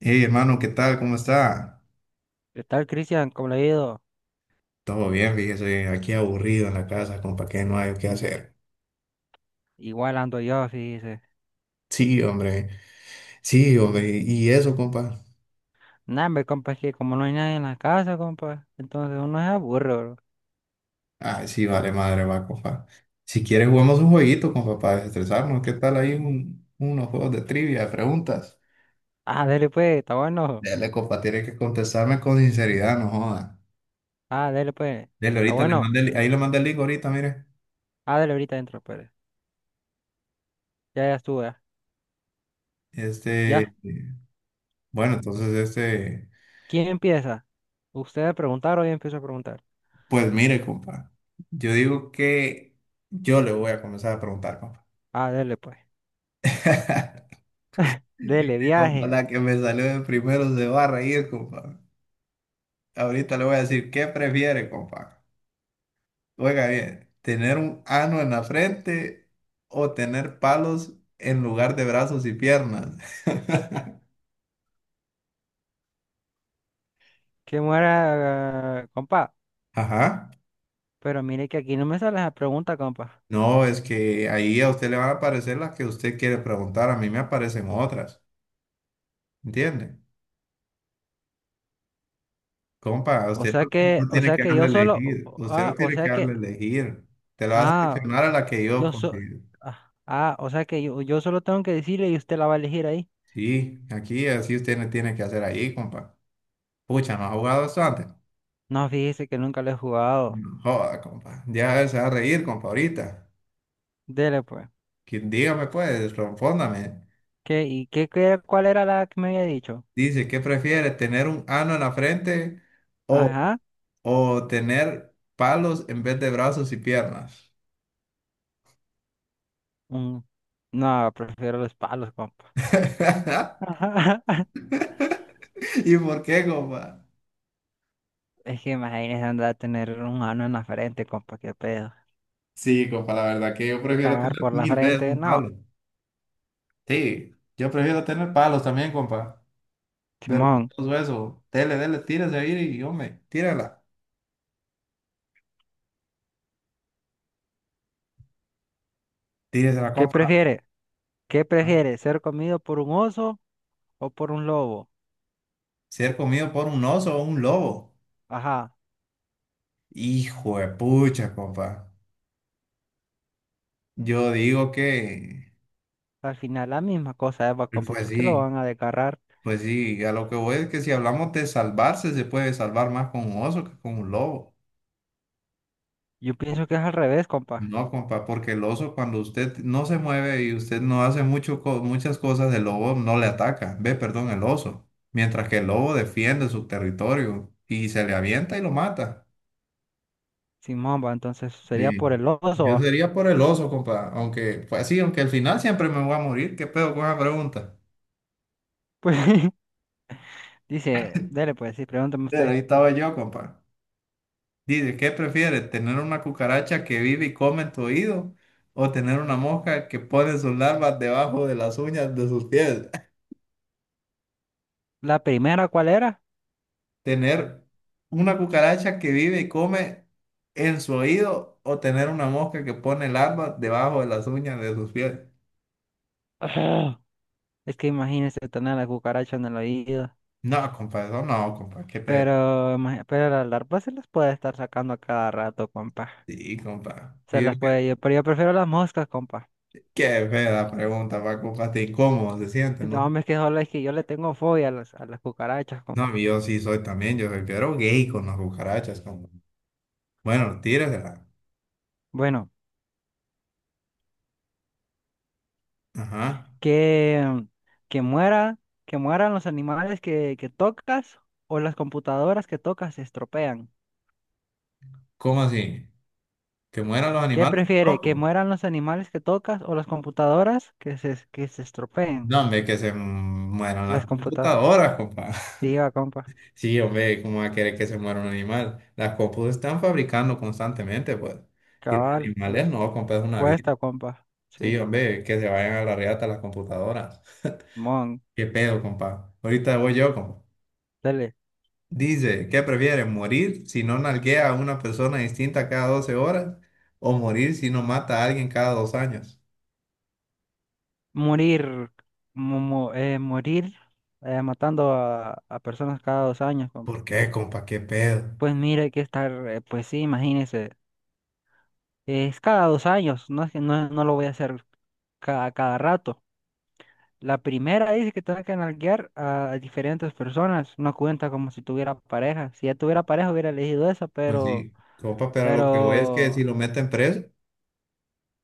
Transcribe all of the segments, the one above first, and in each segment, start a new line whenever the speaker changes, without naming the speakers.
Hey, hermano, ¿qué tal? ¿Cómo está?
¿Qué tal, Cristian? ¿Cómo le ha ido?
Todo bien, fíjese, aquí aburrido en la casa, compa, que no hay qué hacer.
Igual ando yo, dice.
Sí, hombre, sí, hombre, y eso, compa.
Nah, hombre, compa, es que como no hay nadie en la casa, compa, entonces uno se aburre, bro.
Ah, sí, vale, madre, va, compa. Si quieres, jugamos un jueguito, compa, para desestresarnos. ¿Qué tal ahí unos juegos de trivia, de preguntas?
Ah, dele pues, está bueno.
Dele, compa, tiene que contestarme con sinceridad, no joda.
Ah, dele pues,
Dele,
está
ahorita le
bueno.
mandé, ahí le mandé el link ahorita, mire.
Ah, dele ahorita adentro, pues. Ya, ya estuve. Ya.
Este,
Ya.
bueno, entonces,
¿Quién empieza? ¿Usted a preguntar o yo empiezo a preguntar?
pues mire, compa, yo digo que yo le voy a comenzar a preguntar, compa.
Ah, dele pues. Dele,
Compa,
viaje.
la que me salude primero se va a reír, compa. Ahorita le voy a decir, ¿qué prefiere, compa? Oiga bien, ¿tener un ano en la frente o tener palos en lugar de brazos y piernas?
Que muera, compa.
Ajá.
Pero mire que aquí no me sale la pregunta, compa.
No, es que ahí a usted le van a aparecer las que usted quiere preguntar, a mí me aparecen otras, ¿entiende? Compa, a
O
usted
sea
no,
que, o
tiene
sea
que
que
darle
yo
a
solo,
elegir, usted no
o
tiene que
sea que,
darle a elegir, te la va a
ah.
seleccionar a la que yo
Yo so...
considero.
Ah, ah, o sea que yo solo tengo que decirle y usted la va a elegir ahí.
Sí, aquí así usted no tiene que hacer ahí, compa. Pucha, ¿no ha jugado esto antes?
No, fíjese que nunca lo he jugado.
No joda, compa. Ya se va a reír, compa, ahorita.
Dele pues.
Dígame, pues, respóndame.
¿Qué, y qué, qué- cuál era la que me había dicho?
Dice, ¿qué prefiere, tener un ano en la frente o,
Ajá.
o tener palos en vez de brazos y piernas?
mm, no, prefiero los palos, compa.
¿Y por qué, compa?
Es que imagínese andar a tener un ano en la frente, compa, qué pedo.
Sí, compa, la verdad que yo prefiero
Cagar
tener
por la
mil veces
frente,
un
no.
palo. Sí, yo prefiero tener palos también, compa.
Simón,
Vergonzoso eso. Dele, dele, tírese ahí y hombre, tírala. Tírese
¿qué
compa.
prefiere? ¿Qué
¿No?
prefiere? ¿Ser comido por un oso o por un lobo?
Ser comido por un oso o un lobo.
Ajá.
Hijo de pucha, compa. Yo digo que,
Al final la misma cosa, Eva, compa,
pues
¿por qué lo
sí,
van a desgarrar?
pues sí, a lo que voy es que si hablamos de salvarse, se puede salvar más con un oso que con un lobo.
Yo pienso que es al revés, compa.
No, compa, porque el oso cuando usted no se mueve y usted no hace muchas cosas, el lobo no le ataca. Ve, perdón, el oso. Mientras que el lobo defiende su territorio y se le avienta y lo mata.
Sin mamba, entonces sería
Sí.
por el oso,
Yo
va.
sería por el oso, compa. Aunque, pues sí, aunque al final siempre me voy a morir. ¿Qué pedo con esa pregunta?
Pues dice, dele pues, sí, pregúntame
Pero
usted.
ahí estaba yo, compa. Dice, ¿qué prefiere? ¿Tener una cucaracha que vive y come en tu oído? ¿O tener una mosca que pone sus larvas debajo de las uñas de sus pies?
¿La primera cuál era?
Tener una cucaracha que vive y come en su oído o tener una mosca que pone larvas debajo de las uñas de sus pies.
Ah, es que imagínese tener la cucaracha en el oído.
No, compa, eso no, compa, qué pedo.
Pero, pero las larvas se las puede estar sacando a cada rato, compa.
Sí, compa. Y
Se
yo,
las
qué,
puede yo, pero yo prefiero las moscas, compa.
qué fea pregunta, pa, compa, hasta incómodo se siente,
No,
¿no?
hombre, es que solo es que yo le tengo fobia a las, cucarachas, compa.
No, yo sí soy también, yo soy pero gay con las cucarachas, compa. Bueno, tíresela.
Bueno.
Ajá.
Que, que muera, que mueran los animales que, tocas o las computadoras que tocas se estropean.
¿Cómo así? ¿Que mueran los
¿Qué
animales?
prefiere? ¿Que
Loco.
mueran los animales que tocas o las computadoras que se, estropeen?
No, hombre, que se mueran
Las
las
computadoras.
computadoras, compa.
Diga, compa.
Sí, hombre, ¿cómo va a querer que se muera un animal? Las compus están fabricando constantemente, pues. Y los
Cabal,
animales no, compa, es una vida.
cuesta, compa.
Sí,
Sí.
hombre, que se vayan a la reata las computadoras.
Mon.
¿Qué pedo, compa? Ahorita voy yo, compa.
Dele.
Dice, ¿qué prefieres? ¿Morir si no nalguea a una persona distinta cada 12 horas? ¿O morir si no mata a alguien cada dos años?
Morir. mu- mu- eh, morir Matando a, personas cada 2 años, compa.
¿Por qué, compa? ¿Qué pedo?
Pues mire que estar, pues sí, imagínese. Es cada 2 años, no, es que no, no lo voy a hacer cada, rato. La primera dice que tengo que nalguear a diferentes personas, no cuenta como si tuviera pareja. Si ya tuviera pareja hubiera elegido esa,
Pues
pero,
sí, compa, pero lo que voy es que si
pero,
lo meten preso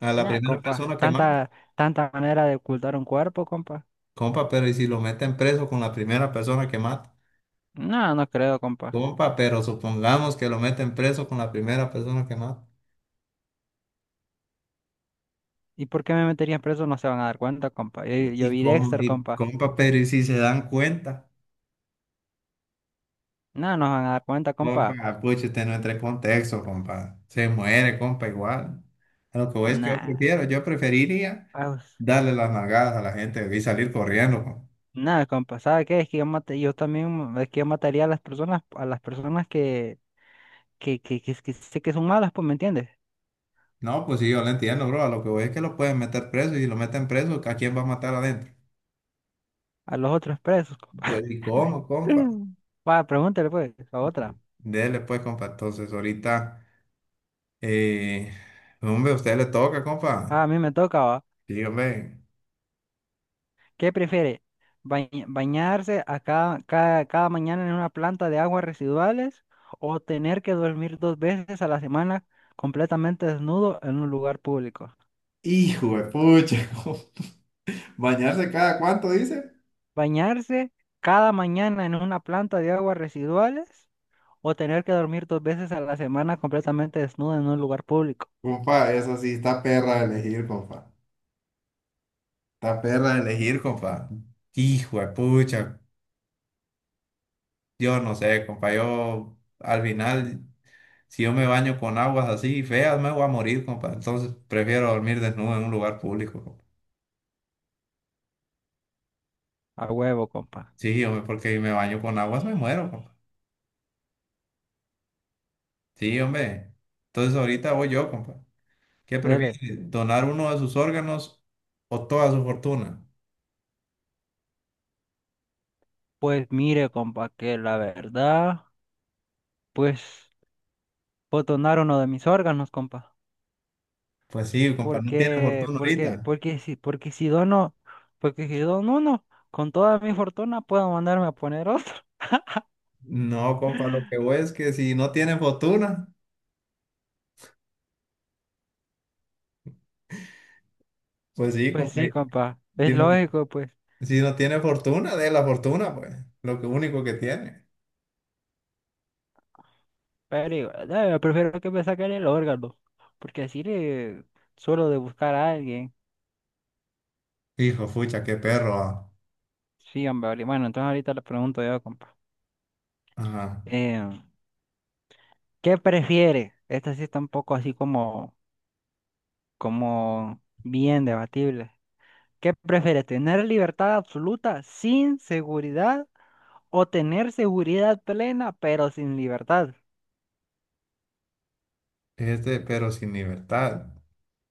a la
nah,
primera
compa,
persona que mata.
tanta, manera de ocultar un cuerpo, compa.
Compa, pero ¿y si lo meten preso con la primera persona que mata?
No, no creo, compa.
Compa, pero supongamos que lo meten preso con la primera persona que mata.
¿Y por qué me meterían preso? No se van a dar cuenta, compa. Yo
Y,
vi
com-
Dexter,
y
compa.
compa, pero ¿y si se dan cuenta?
No, no se van a dar cuenta,
Compa,
compa.
ah, pucha, usted no entra en contexto, compa. Se muere, compa, igual. A lo que voy es que yo
Nah.
prefiero, yo preferiría darle las nalgadas a la gente y salir corriendo, compa.
Nada, compa, ¿sabe qué? Es que yo también, es que yo mataría a las personas, que sé que son malas, pues, ¿me entiendes?
No, pues sí, yo lo entiendo, bro. A lo que voy es que lo pueden meter preso y si lo meten preso, ¿a quién va a matar adentro?
A los otros presos, compa.
Pues, ¿y cómo, compa?
Mm. Va, pregúntale, pues, a otra.
Dele, pues, compa. Entonces, ahorita. Eh, hombre, a usted le toca,
Ah, a
compa.
mí me toca, va.
Dígame.
¿Qué prefiere? ¿Bañarse a cada mañana en una planta de aguas residuales o tener que dormir dos veces a la semana completamente desnudo en un lugar público?
Hijo de pucha, bañarse cada cuánto dice.
¿Bañarse cada mañana en una planta de aguas residuales? O tener que dormir dos veces a la semana completamente desnudo en un lugar público.
Compa, eso sí, está perra de elegir, compa. Está perra de elegir, compa. Hijo de pucha. Yo no sé, compa. Yo, al final, si yo me baño con aguas así feas, me voy a morir, compa. Entonces, prefiero dormir desnudo en un lugar público, compa.
A huevo, compa.
Sí, hombre, porque si me baño con aguas, me muero, compa. Sí, hombre. Entonces, ahorita voy yo, compa. ¿Qué
Dele.
prefiere? ¿Donar uno de sus órganos o toda su fortuna?
Pues mire, compa, que la verdad, pues, puedo donar uno de mis órganos, compa.
Pues sí, compa, no tiene
Porque,
fortuna
porque,
ahorita.
porque si dono uno, con toda mi fortuna puedo mandarme a poner otro.
No, compa, lo que voy es que si no tiene fortuna, pues sí,
Pues
compa,
sí, compa. Es
si no, ti-
lógico, pues.
si no tiene fortuna, de la fortuna, pues, lo que único que tiene.
Pero igual, prefiero que me saquen el órgano. Porque así le suelo de buscar a alguien.
Hijo, fucha, qué perro. Ah.
Sí, hombre, vale. Bueno, entonces ahorita le pregunto yo, compa.
Ajá.
Eh, ¿Qué prefiere? Esta sí está un poco así como bien debatible. ¿Qué prefiere? ¿Tener libertad absoluta sin seguridad o tener seguridad plena pero sin libertad?
Este, pero sin libertad.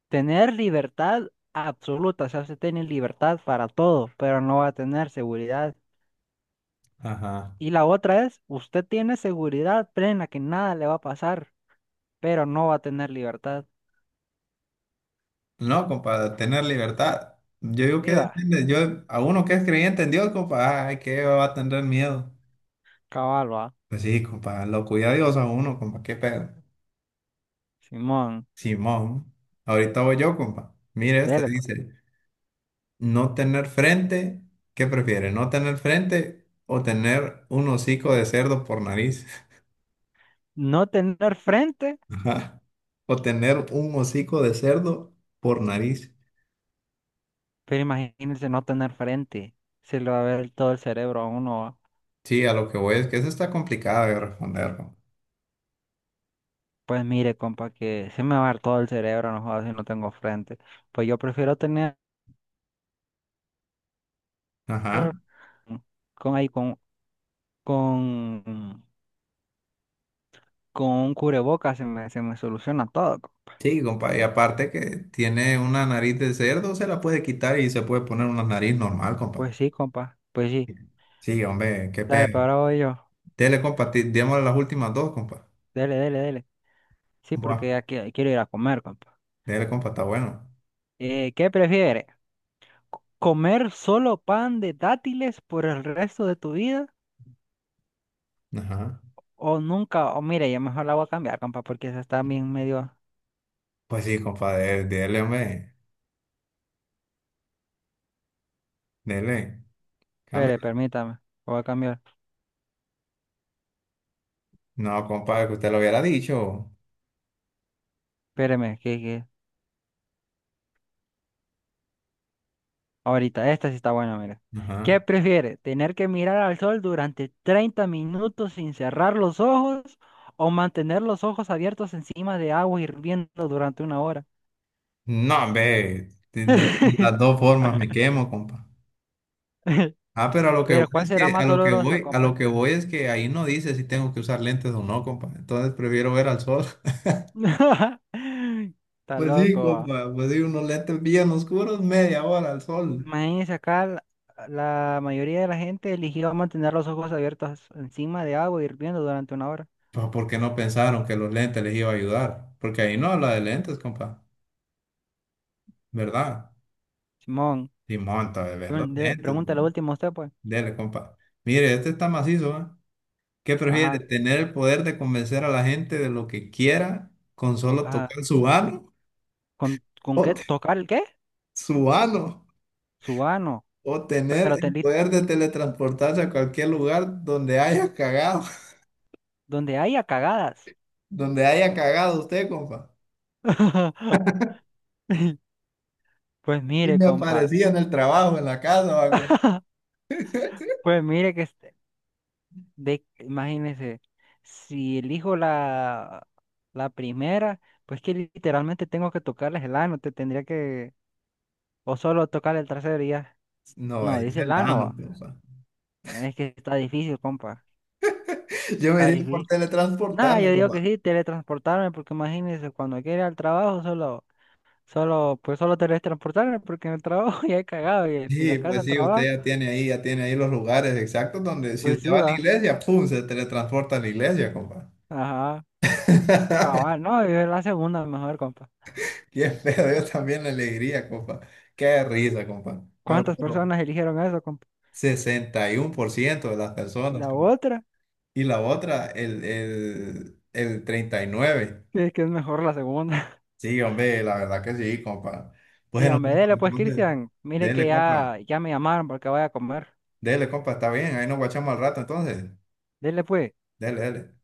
Tener libertad absoluta, o sea, usted tiene libertad para todo, pero no va a tener seguridad.
Ajá.
Y la otra es, usted tiene seguridad plena que nada le va a pasar, pero no va a tener libertad.
No, compa, tener libertad. Yo digo que
Viva,
depende, yo, a uno que es creyente en Dios, compa, ay, qué va a tener miedo.
caballo,
Pues sí, compa, lo cuida Dios a uno, compa, qué pedo.
Simón,
Simón, ahorita voy yo, compa. Mire, este
dele pues.
dice, no tener frente, ¿qué prefiere? ¿No tener frente o tener un hocico de cerdo por nariz?
No tener frente.
Ajá. O tener un hocico de cerdo por nariz.
Pero imagínense no tener frente. Se le va a ver todo el cerebro a uno.
Sí, a lo que voy es que eso está complicado de responder, compa.
Pues mire, compa, que se me va a ver todo el cerebro, no jodas si no tengo frente. Pues yo prefiero tener
Ajá.
con ahí con con un cubrebocas se me soluciona todo.
Sí, compa, y aparte que tiene una nariz de cerdo, se la puede quitar y se puede poner una nariz normal, compa.
Pues sí, compa. Pues sí.
Sí, hombre, qué
Dale, pero
pedo.
ahora voy yo.
Dele, compa, démosle las últimas dos, compa.
Dele, dele, dele. Sí,
Buah,
porque ya quiero ir a comer, compa.
dele, compa, está bueno.
¿Qué prefiere? ¿Comer solo pan de dátiles por el resto de tu vida?
Ajá.
O nunca, o mire, ya mejor la voy a cambiar, compa, porque esa está bien medio.
Pues sí, compa, dele, dele, hombre. Dele.
Espere,
Cambia.
permítame, la voy a cambiar.
No, compa, que usted lo hubiera dicho.
Espéreme, ahorita, esta sí está buena, mire. ¿Qué
Ajá.
prefiere? ¿Tener que mirar al sol durante 30 minutos sin cerrar los ojos o mantener los ojos abiertos encima de agua hirviendo durante una hora?
No, hombre. Las dos formas me quemo, compa. Ah, pero a lo que voy
Pero, ¿cuál
es
será
que, a
más
lo que
dolorosa,
voy, a lo
compa?
que voy es que ahí no dice si tengo que usar lentes o no, compa. Entonces prefiero ver al sol.
Está
Pues sí,
loco.
compa, pues sí, unos lentes bien oscuros, media hora al sol.
Maíz, acá la mayoría de la gente eligió mantener los ojos abiertos encima de agua hirviendo durante una hora.
Pues, ¿por qué no pensaron que los lentes les iba a ayudar? Porque ahí no habla de lentes, compa, ¿verdad?
Simón,
Y monta, bebé, los lentes.
pregunta
Bro.
la última usted, pues.
Dele, compa. Mire, este está macizo, ¿eh? ¿Qué prefiere?
Ajá,
¿Tener el poder de convencer a la gente de lo que quiera con solo
ajá.
tocar su ano?
¿Con
¿O
qué
te-
tocar el qué?
¿Su ano?
Su ano.
¿O tener
Pero te
el
li-
poder de teletransportarse a cualquier lugar donde haya cagado?
Donde haya cagadas.
Donde haya cagado usted, compa.
Pues
Y
mire,
me
compa.
aparecía en el trabajo, en la casa, va, compa.
Pues mire imagínese, si elijo la primera, pues que literalmente tengo que tocarles el ano, te tendría que, o solo tocar el trasero y ya.
No,
No,
ahí es
dice
el
la
ano,
Lanova.
compa.
Es que está difícil, compa.
Yo me
Está
iría por
difícil. Nada,
teletransportarme,
yo digo
compa.
que sí, teletransportarme, porque imagínense, cuando quiera al trabajo, solo teletransportarme, porque en el trabajo ya he cagado, y de la
Sí,
casa
pues
al
sí,
trabajo,
usted ya tiene ahí los lugares exactos donde si
pues
usted
sí
va a la
va.
iglesia, ¡pum! Se teletransporta a la iglesia, compa.
Ajá. Cabal, no, yo la segunda mejor, compa.
Qué feo, yo también le alegría, compa. Qué risa, compa. Pero
¿Cuántas
pero
personas eligieron eso, compa?
61% de las personas,
La
compa.
otra,
Y la otra, el 39%.
es que es mejor la segunda.
Sí, hombre, la verdad que sí, compa. Bueno,
Dígame,
compa,
dele pues,
entonces,
Cristian, mire que
dele, compa.
ya, ya me llamaron porque voy a comer.
Dele, compa, está bien. Ahí nos guachamos al rato, entonces.
Dele pues.
Dele, dele.